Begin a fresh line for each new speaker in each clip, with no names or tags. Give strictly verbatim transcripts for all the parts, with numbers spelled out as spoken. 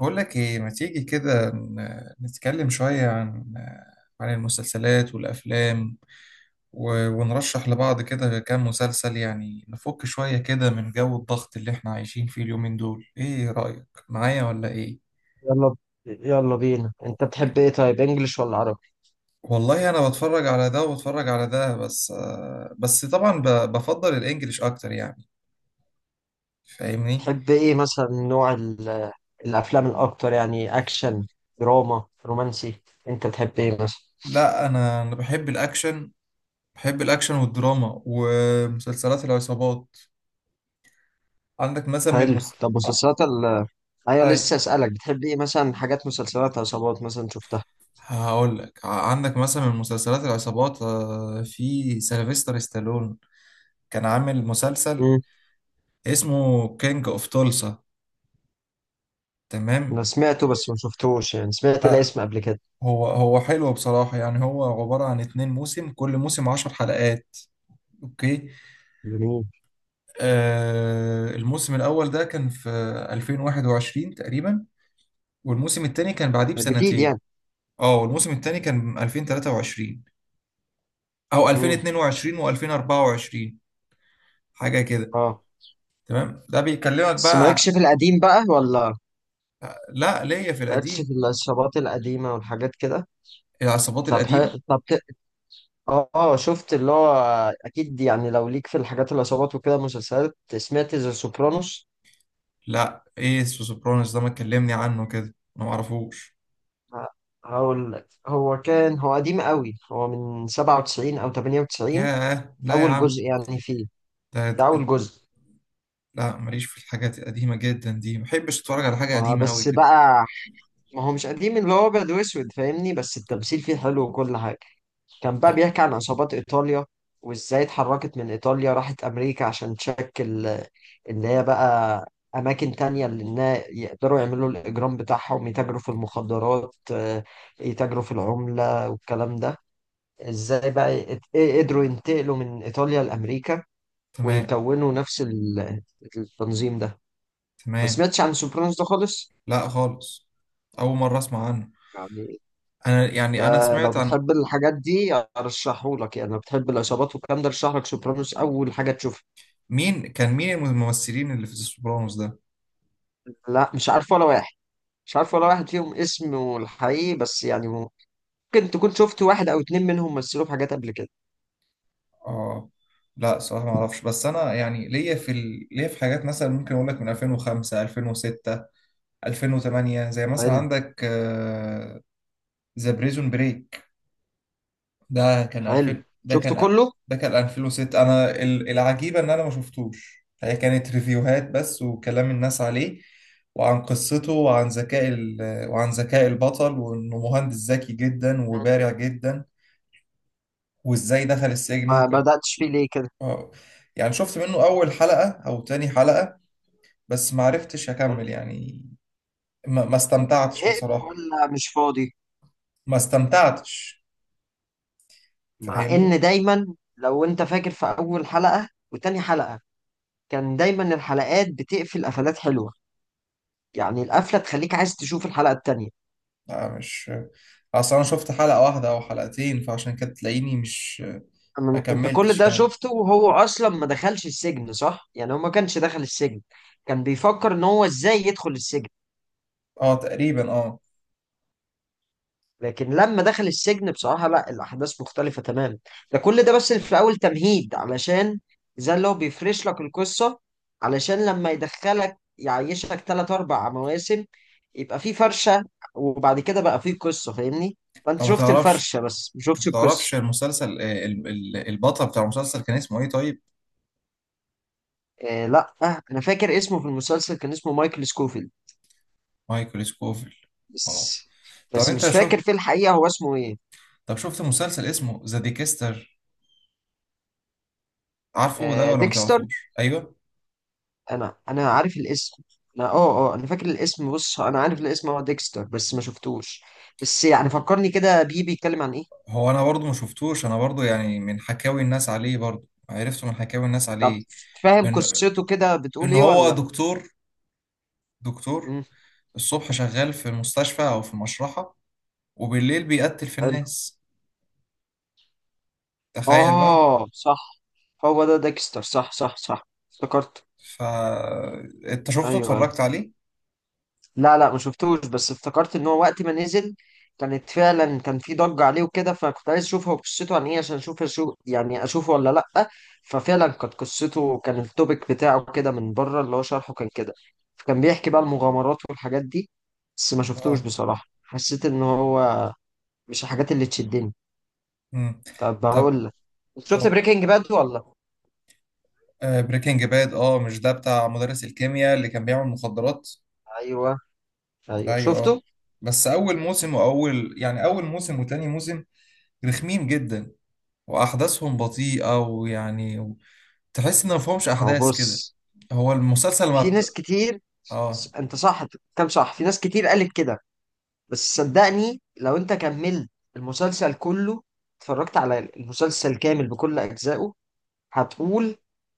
بقول لك ايه، ما تيجي كده ن- نتكلم شوية عن عن المسلسلات والأفلام، و- ونرشح لبعض كده كام مسلسل، يعني نفك شوية كده من جو الضغط اللي احنا عايشين فيه اليومين دول. ايه رأيك، معايا ولا ايه؟
يلا ب- يلا بينا، انت بتحب ايه؟ طيب، انجلش ولا عربي؟
والله انا بتفرج على ده وبتفرج على ده، بس آه، بس طبعا ب- بفضل الانجليش اكتر يعني. فاهمني؟
تحب ايه مثلا، نوع ال- الافلام الاكتر؟ يعني اكشن، دراما، رومانسي؟ انت بتحب ايه مثلا؟
لا، انا انا بحب الاكشن، بحب الاكشن والدراما ومسلسلات العصابات. عندك مثلا من
حلو.
مس...
طب مسلسلات ال ايوه لسه اسالك، بتحب ايه مثلا؟ حاجات مسلسلات عصابات مثلا شفتها؟
هقول لك، ع- عندك مثلا من مسلسلات العصابات، آه، في سيلفستر ستالون كان عامل مسلسل
امم
اسمه كينج اوف تولسا. تمام،
انا سمعته بس ما شفتوش، يعني سمعت
آه،
الاسم قبل كده.
هو هو حلو بصراحة. يعني هو عبارة عن اتنين موسم، كل موسم عشر حلقات. اوكي.
جميل،
آه الموسم الأول ده كان في ألفين وواحد وعشرين تقريبا، والموسم التاني كان بعديه
ده جديد
بسنتين.
يعني.
اه، والموسم التاني كان ألفين وتلاتة وعشرين أو
امم
ألفين واتنين وعشرين و2024، حاجة كده.
اه.
تمام، ده بيكلمك
بس مالكش
بقى.
في القديم بقى ولا؟
لا، ليا في
مالكش
القديم،
في العصابات القديمه والحاجات كده؟
العصابات
طب
القديمة.
حلو، طب اه، آه، شفت اللي هو، اكيد يعني لو ليك في الحاجات العصابات وكده مسلسلات، سمعت ذا سوبرانوس؟
لا، ايس وسوبرانوس ده ما تكلمني عنه كده، انا ما اعرفوش.
ه- هقول لك، هو كان، هو قديم قوي، هو من سبعة وتسعين او تمانية وتسعين
ياه لا يا
اول
عم،
جزء يعني فيه،
ده
ده اول جزء.
لا. ماليش في الحاجات القديمة جدا دي، ما بحبش اتفرج على حاجة
آه،
قديمة قوي
بس
كده.
بقى، ما هو مش قديم اللي هو ابيض واسود، فاهمني؟ بس التمثيل فيه حلو وكل حاجه. كان بقى
اه
بيحكي عن عصابات ايطاليا، وازاي اتحركت من ايطاليا راحت امريكا عشان تشكل آه، اللي هي بقى اماكن تانية، اللي النا- يقدروا يعملوا الاجرام بتاعهم، يتاجروا في المخدرات، آه، يتاجروا في العمله والكلام ده. ازاي بقى يت- قدروا ينتقلوا من ايطاليا لامريكا،
تمام،
ويكونوا نفس ال- التنظيم ده. ما
تمام.
سمعتش عن سوبرانوس ده خالص؟
لا خالص، اول مرة اسمع عنه.
يعني
انا يعني، انا
ده لو
سمعت عن،
بتحب الحاجات دي ارشحهولك، يعني لو بتحب العصابات والكلام ده ارشحلك سوبرانوس اول حاجه تشوفها.
مين كان، مين الممثلين اللي في سوبرانوس ده؟
لا مش عارف ولا واحد، مش عارف ولا واحد فيهم اسمه الحقيقي، بس يعني ممكن تكون شفت واحد او اتنين منهم مثلوا في حاجات قبل كده.
اه، لا صراحة ما اعرفش، بس انا يعني ليا في ال... ليا في حاجات مثلا ممكن اقول لك من ألفين وخمسة، ألفين وستة، ألفين وثمانية. زي مثلا
حلو،
عندك ذا بريزون بريك، ده كان
حلو.
ألفين، ده
شفت
كان،
كله؟
ده كان ألفين وستة. انا ال- العجيبه ان انا ما شفتوش، هي كانت ريفيوهات بس وكلام الناس عليه، وعن قصته وعن ذكاء ال- وعن ذكاء البطل، وانه مهندس ذكي جدا وبارع جدا، وازاي دخل السجن.
ما
وكان،
بدأتش فيه ليه كده؟
آه، يعني شفت منه اول حلقه او تاني حلقه، بس ما عرفتش اكمل يعني. ما ما استمتعتش
زهقت
بصراحه.
ولا مش فاضي؟
ما استمتعتش،
مع
فاهمني.
ان دايما، لو انت فاكر في اول حلقة وتاني حلقة، كان دايما الحلقات بتقفل قفلات حلوة، يعني القفلة تخليك عايز تشوف الحلقة التانية.
لا مش، اصل انا شفت حلقة واحدة او حلقتين، فعشان كده تلاقيني مش. ما
أنا- انت كل
كملتش
ده
يعني.
شفته وهو اصلا ما دخلش السجن صح؟ يعني هو ما كانش دخل السجن، كان بيفكر ان هو ازاي يدخل السجن.
اه تقريبا اه.
لكن لما دخل السجن بصراحة لا، الاحداث مختلفة تماما. ده كل ده بس في اول تمهيد، علشان زي اللي هو بيفرش لك القصة، علشان لما يدخلك يعيشك ثلاث اربع مواسم يبقى في فرشة، وبعد كده بقى في قصة، فاهمني؟ فانت
طب ما
شفت
تعرفش،
الفرشة بس ما
طب ما
شفتش
تعرفش
القصة.
المسلسل آه، ال- ال- البطل بتاع المسلسل كان اسمه ايه طيب؟
إيه لا آه، انا فاكر اسمه، في المسلسل كان اسمه مايكل سكوفيلد،
مايكل سكوفيل. اه.
بس.
طب
بس
انت
مش فاكر
شوف،
في الحقيقة هو اسمه ايه.
طب شفت مسلسل اسمه ذا ديكستر؟ عارفه ده
آه
ولا ما
ديكستر،
تعرفوش؟ ايوه.
انا انا عارف الاسم، انا اه اه انا فاكر الاسم. بص، انا عارف الاسم هو ديكستر، بس ما شفتوش. بس يعني فكرني كده بيه، بيتكلم عن ايه؟
هو انا برضو ما شفتوش، انا برضو يعني من حكاوي الناس عليه، برضو عرفته من حكاوي الناس
طب
عليه.
فاهم
ان
قصته كده، بتقول
ان
ايه
هو
ولا؟
دكتور، دكتور.
مم.
الصبح شغال في المستشفى أو في المشرحة، وبالليل بيقتل في
حلو.
الناس. تخيل بقى.
اه صح، هو ده ديكستر، صح صح صح، افتكرت.
ف، أنت شفته
ايوه
اتفرجت
أيوه.
عليه؟
لا لا ما شفتوش، بس افتكرت ان هو وقت ما نزل كانت فعلا كان في ضجة عليه وكده، فكنت عايز اشوف هو قصته عن ايه، عشان اشوف شو يعني، اشوفه ولا لا. ففعلا كانت قصته، كان التوبيك بتاعه كده من بره، اللي هو شرحه كان كده، فكان بيحكي بقى المغامرات والحاجات دي. بس ما شفتوش
اه.
بصراحة، حسيت ان هو مش الحاجات اللي تشدني.
مم.
طب
طب
بقول لك، شفت بريكنج باد ولا؟
بريكنج باد؟ اه، مش ده بتاع مدرس الكيمياء اللي كان بيعمل مخدرات؟
ايوه ايوه
ايوه اه.
شفته.
بس اول موسم، واول يعني اول موسم وتاني موسم رخمين جدا، واحداثهم بطيئه، ويعني تحس ان مفهومش
اهو
احداث كده.
بص،
هو المسلسل ما
في ناس
بت...
كتير،
اه،
انت صح، كم صح، في ناس كتير قالت كده، بس صدقني لو انت كملت المسلسل كله، اتفرجت على المسلسل كامل بكل اجزائه، هتقول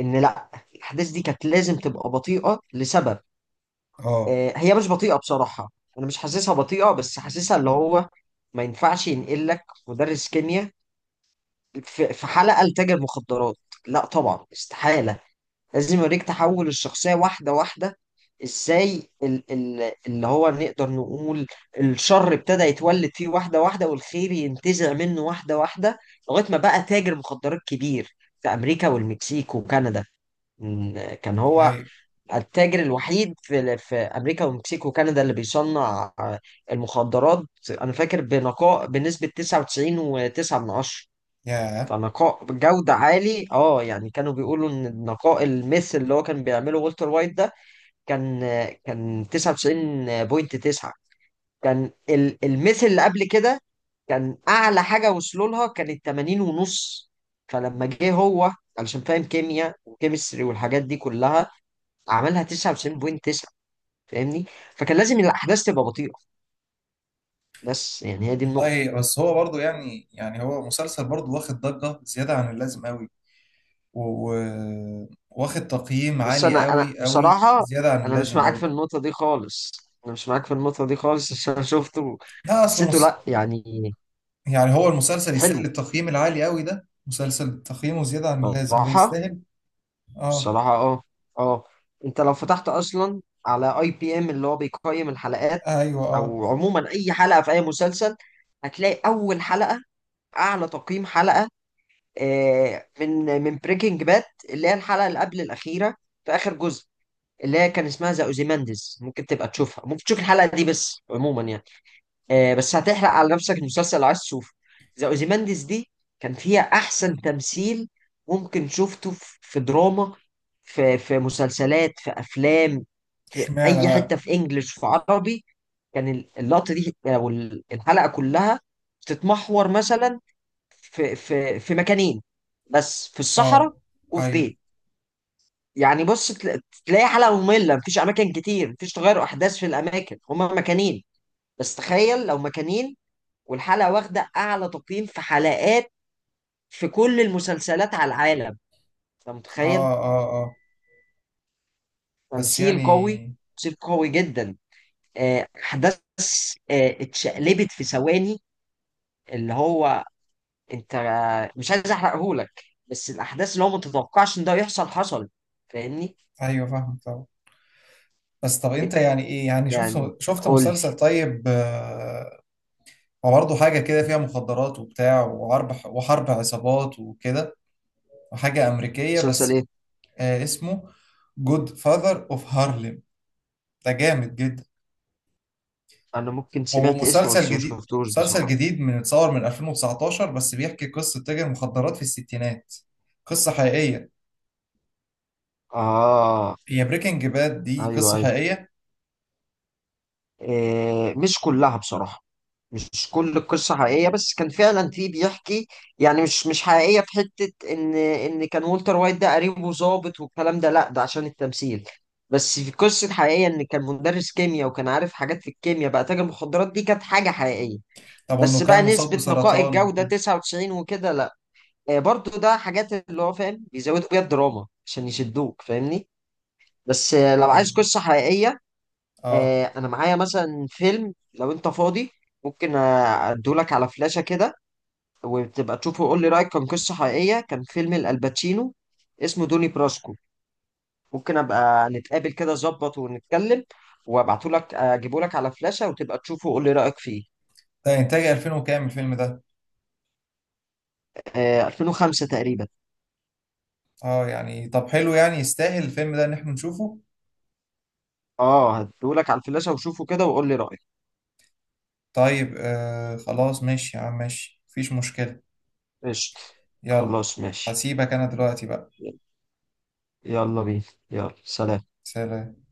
ان لا، الاحداث دي كانت لازم تبقى بطيئة لسبب.
اه،
آه، هي مش بطيئة بصراحة، انا مش حاسسها بطيئة، بس حاسسها اللي هو ما ينفعش ينقل لك مدرس كيمياء في في حلقة لتاجر مخدرات، لا طبعا، استحالة. لازم يوريك تحول الشخصية واحدة واحدة، ازاي ال ال اللي هو نقدر نقول الشر ابتدى يتولد فيه واحدة واحدة، والخير ينتزع منه واحدة واحدة، لغاية ما بقى تاجر مخدرات كبير في أمريكا والمكسيك وكندا. م- كان هو
ايوه،
التاجر الوحيد في, في أمريكا والمكسيك وكندا اللي بيصنع، آه، المخدرات. أنا فاكر بنقاء بنسبة تسعة وتسعين فاصلة تسعة،
ياه.
فنقاء بجودة عالي اه، يعني كانوا بيقولوا ان نقاء المس اللي هو كان بيعمله والتر وايت ده كان، كان تسعة وتسعين فاصلة تسعة. كان ال- المس اللي قبل كده كان اعلى حاجة وصلوا لها كانت تمانين ونص، فلما جه هو علشان فاهم كيمياء وكيمستري والحاجات دي كلها، عملها تسعة وتسعين فاصلة تسعة، فاهمني؟ فكان لازم الاحداث تبقى بطيئة، بس يعني هي دي النقطة.
والله بس هو برضو يعني، يعني هو مسلسل برضو واخد ضجة زيادة عن اللازم قوي، و- و- واخد تقييم
بص
عالي
انا انا
قوي قوي
بصراحه،
زيادة عن
انا مش
اللازم
معاك في
برضو.
النقطه دي خالص، انا مش معاك في النقطه دي خالص، عشان أنا شفته،
لا، اصله
حسيته
مس...
لا يعني.
يعني هو المسلسل يستاهل
حلو
التقييم العالي قوي ده؟ مسلسل تقييمه زيادة عن اللازم ده
بصراحه،
يستاهل؟ اه،
بصراحه اه، اه. انت لو فتحت اصلا على اي بي ام اللي هو بيقيم الحلقات،
ايوه، اه.
او عموما اي حلقه في اي مسلسل، هتلاقي اول حلقه، اعلى تقييم حلقه، آه، من من بريكنج باد، اللي هي الحلقه اللي قبل الاخيره في اخر جزء، اللي هي كان اسمها ذا اوزيمانديز. ممكن تبقى تشوفها، ممكن تشوف الحلقه دي، بس عموما يعني، آه، بس هتحرق على نفسك المسلسل لو عايز تشوفه. ذا اوزيمانديز دي كان فيها احسن تمثيل ممكن شفته، في في دراما، في في مسلسلات، في افلام، في
اشمعنى
اي حته،
بقى؟
في انجلش، في عربي. كان ال- اللقطه دي او ال- الحلقه كلها بتتمحور مثلا، في في في مكانين بس، في الصحراء
اه،
وفي
ايوه،
بيت. يعني بص، تلا- تلاقي حلقه ممله، مفيش اماكن كتير، مفيش تغير احداث في الاماكن، هما مكانين بس، تخيل لو مكانين والحلقة واخدة أعلى تقييم في حلقات في كل المسلسلات على العالم، أنت
اه،
متخيل؟
اه، اه. بس
تمثيل قوي،
يعني،
تمثيل قوي جدا، آه، أحداث آه، اتشقلبت في ثواني، اللي هو أنت، مش عايز أحرقهولك، بس الأحداث اللي هو ما تتوقعش إن ده يحصل حصل، فاهمني؟
ايوه فاهمك طبعا. بس طب انت يعني ايه، يعني
يعني
شفت، شفت
قول لي،
مسلسل طيب، آه، وبرضه حاجة كده فيها مخدرات وبتاع وحرب، وحرب عصابات وكده، وحاجة أمريكية
مسلسل
بس.
إيه؟
آه اسمه جود فاذر اوف هارلم. ده جامد جدا.
أنا ممكن
هو
سمعت اسمه
مسلسل
بس ما
جديد،
شفتوش
مسلسل
بصراحة.
جديد من اتصور من ألفين وتسعتاشر، بس بيحكي قصة تاجر مخدرات في الستينات. قصة حقيقية.
آه
هي بريكنج باد دي
أيوه
قصة
أيوه.
حقيقية؟
آه، مش كلها بصراحة، مش كل القصة حقيقية، بس كان فعلا في بيحكي، يعني مش مش حقيقية في حتة إن إن كان والتر وايت ده قريبه ظابط والكلام ده، لأ ده عشان التمثيل. بس في قصة حقيقية إن كان مدرس كيمياء، وكان عارف حاجات في الكيمياء بقى تاجر مخدرات، دي كانت حاجة حقيقية.
طب وإنه
بس
كان
بقى
مصاب
نسبة نقاء
بسرطان
الجودة
وكده؟
تسعة وتسعين وكده لأ، آه، برضو ده حاجات اللي هو فاهم بيزودوا بيها الدراما عشان يشدوك، فاهمني؟ بس آه، لو عايز قصة حقيقية،
اه،
آه، انا معايا مثلا فيلم، لو انت فاضي ممكن آه، ادولك على فلاشة كده، وتبقى تشوفه وقول لي رأيك. كان قصة حقيقية، كان فيلم الباتشينو اسمه دوني براسكو. ممكن ابقى نتقابل كده ظبط ونتكلم، وابعتهولك اجيبهولك على فلاشة وتبقى تشوفه وقول لي رأيك فيه.
ده إنتاج ألفين وكام الفيلم ده؟
آه، ألفين وخمسة تقريبا.
اه يعني، طب حلو يعني، يستاهل الفيلم ده إن احنا نشوفه.
اه هديهولك على الفلاشة، وشوفه كده وقول لي رأيك.
طيب آه خلاص، ماشي يا عم، ماشي، مفيش مشكلة.
قشطة،
يلا.
خلاص ماشي.
هسيبك أنا دلوقتي بقى.
يلا بينا، يلا سلام.
سلام.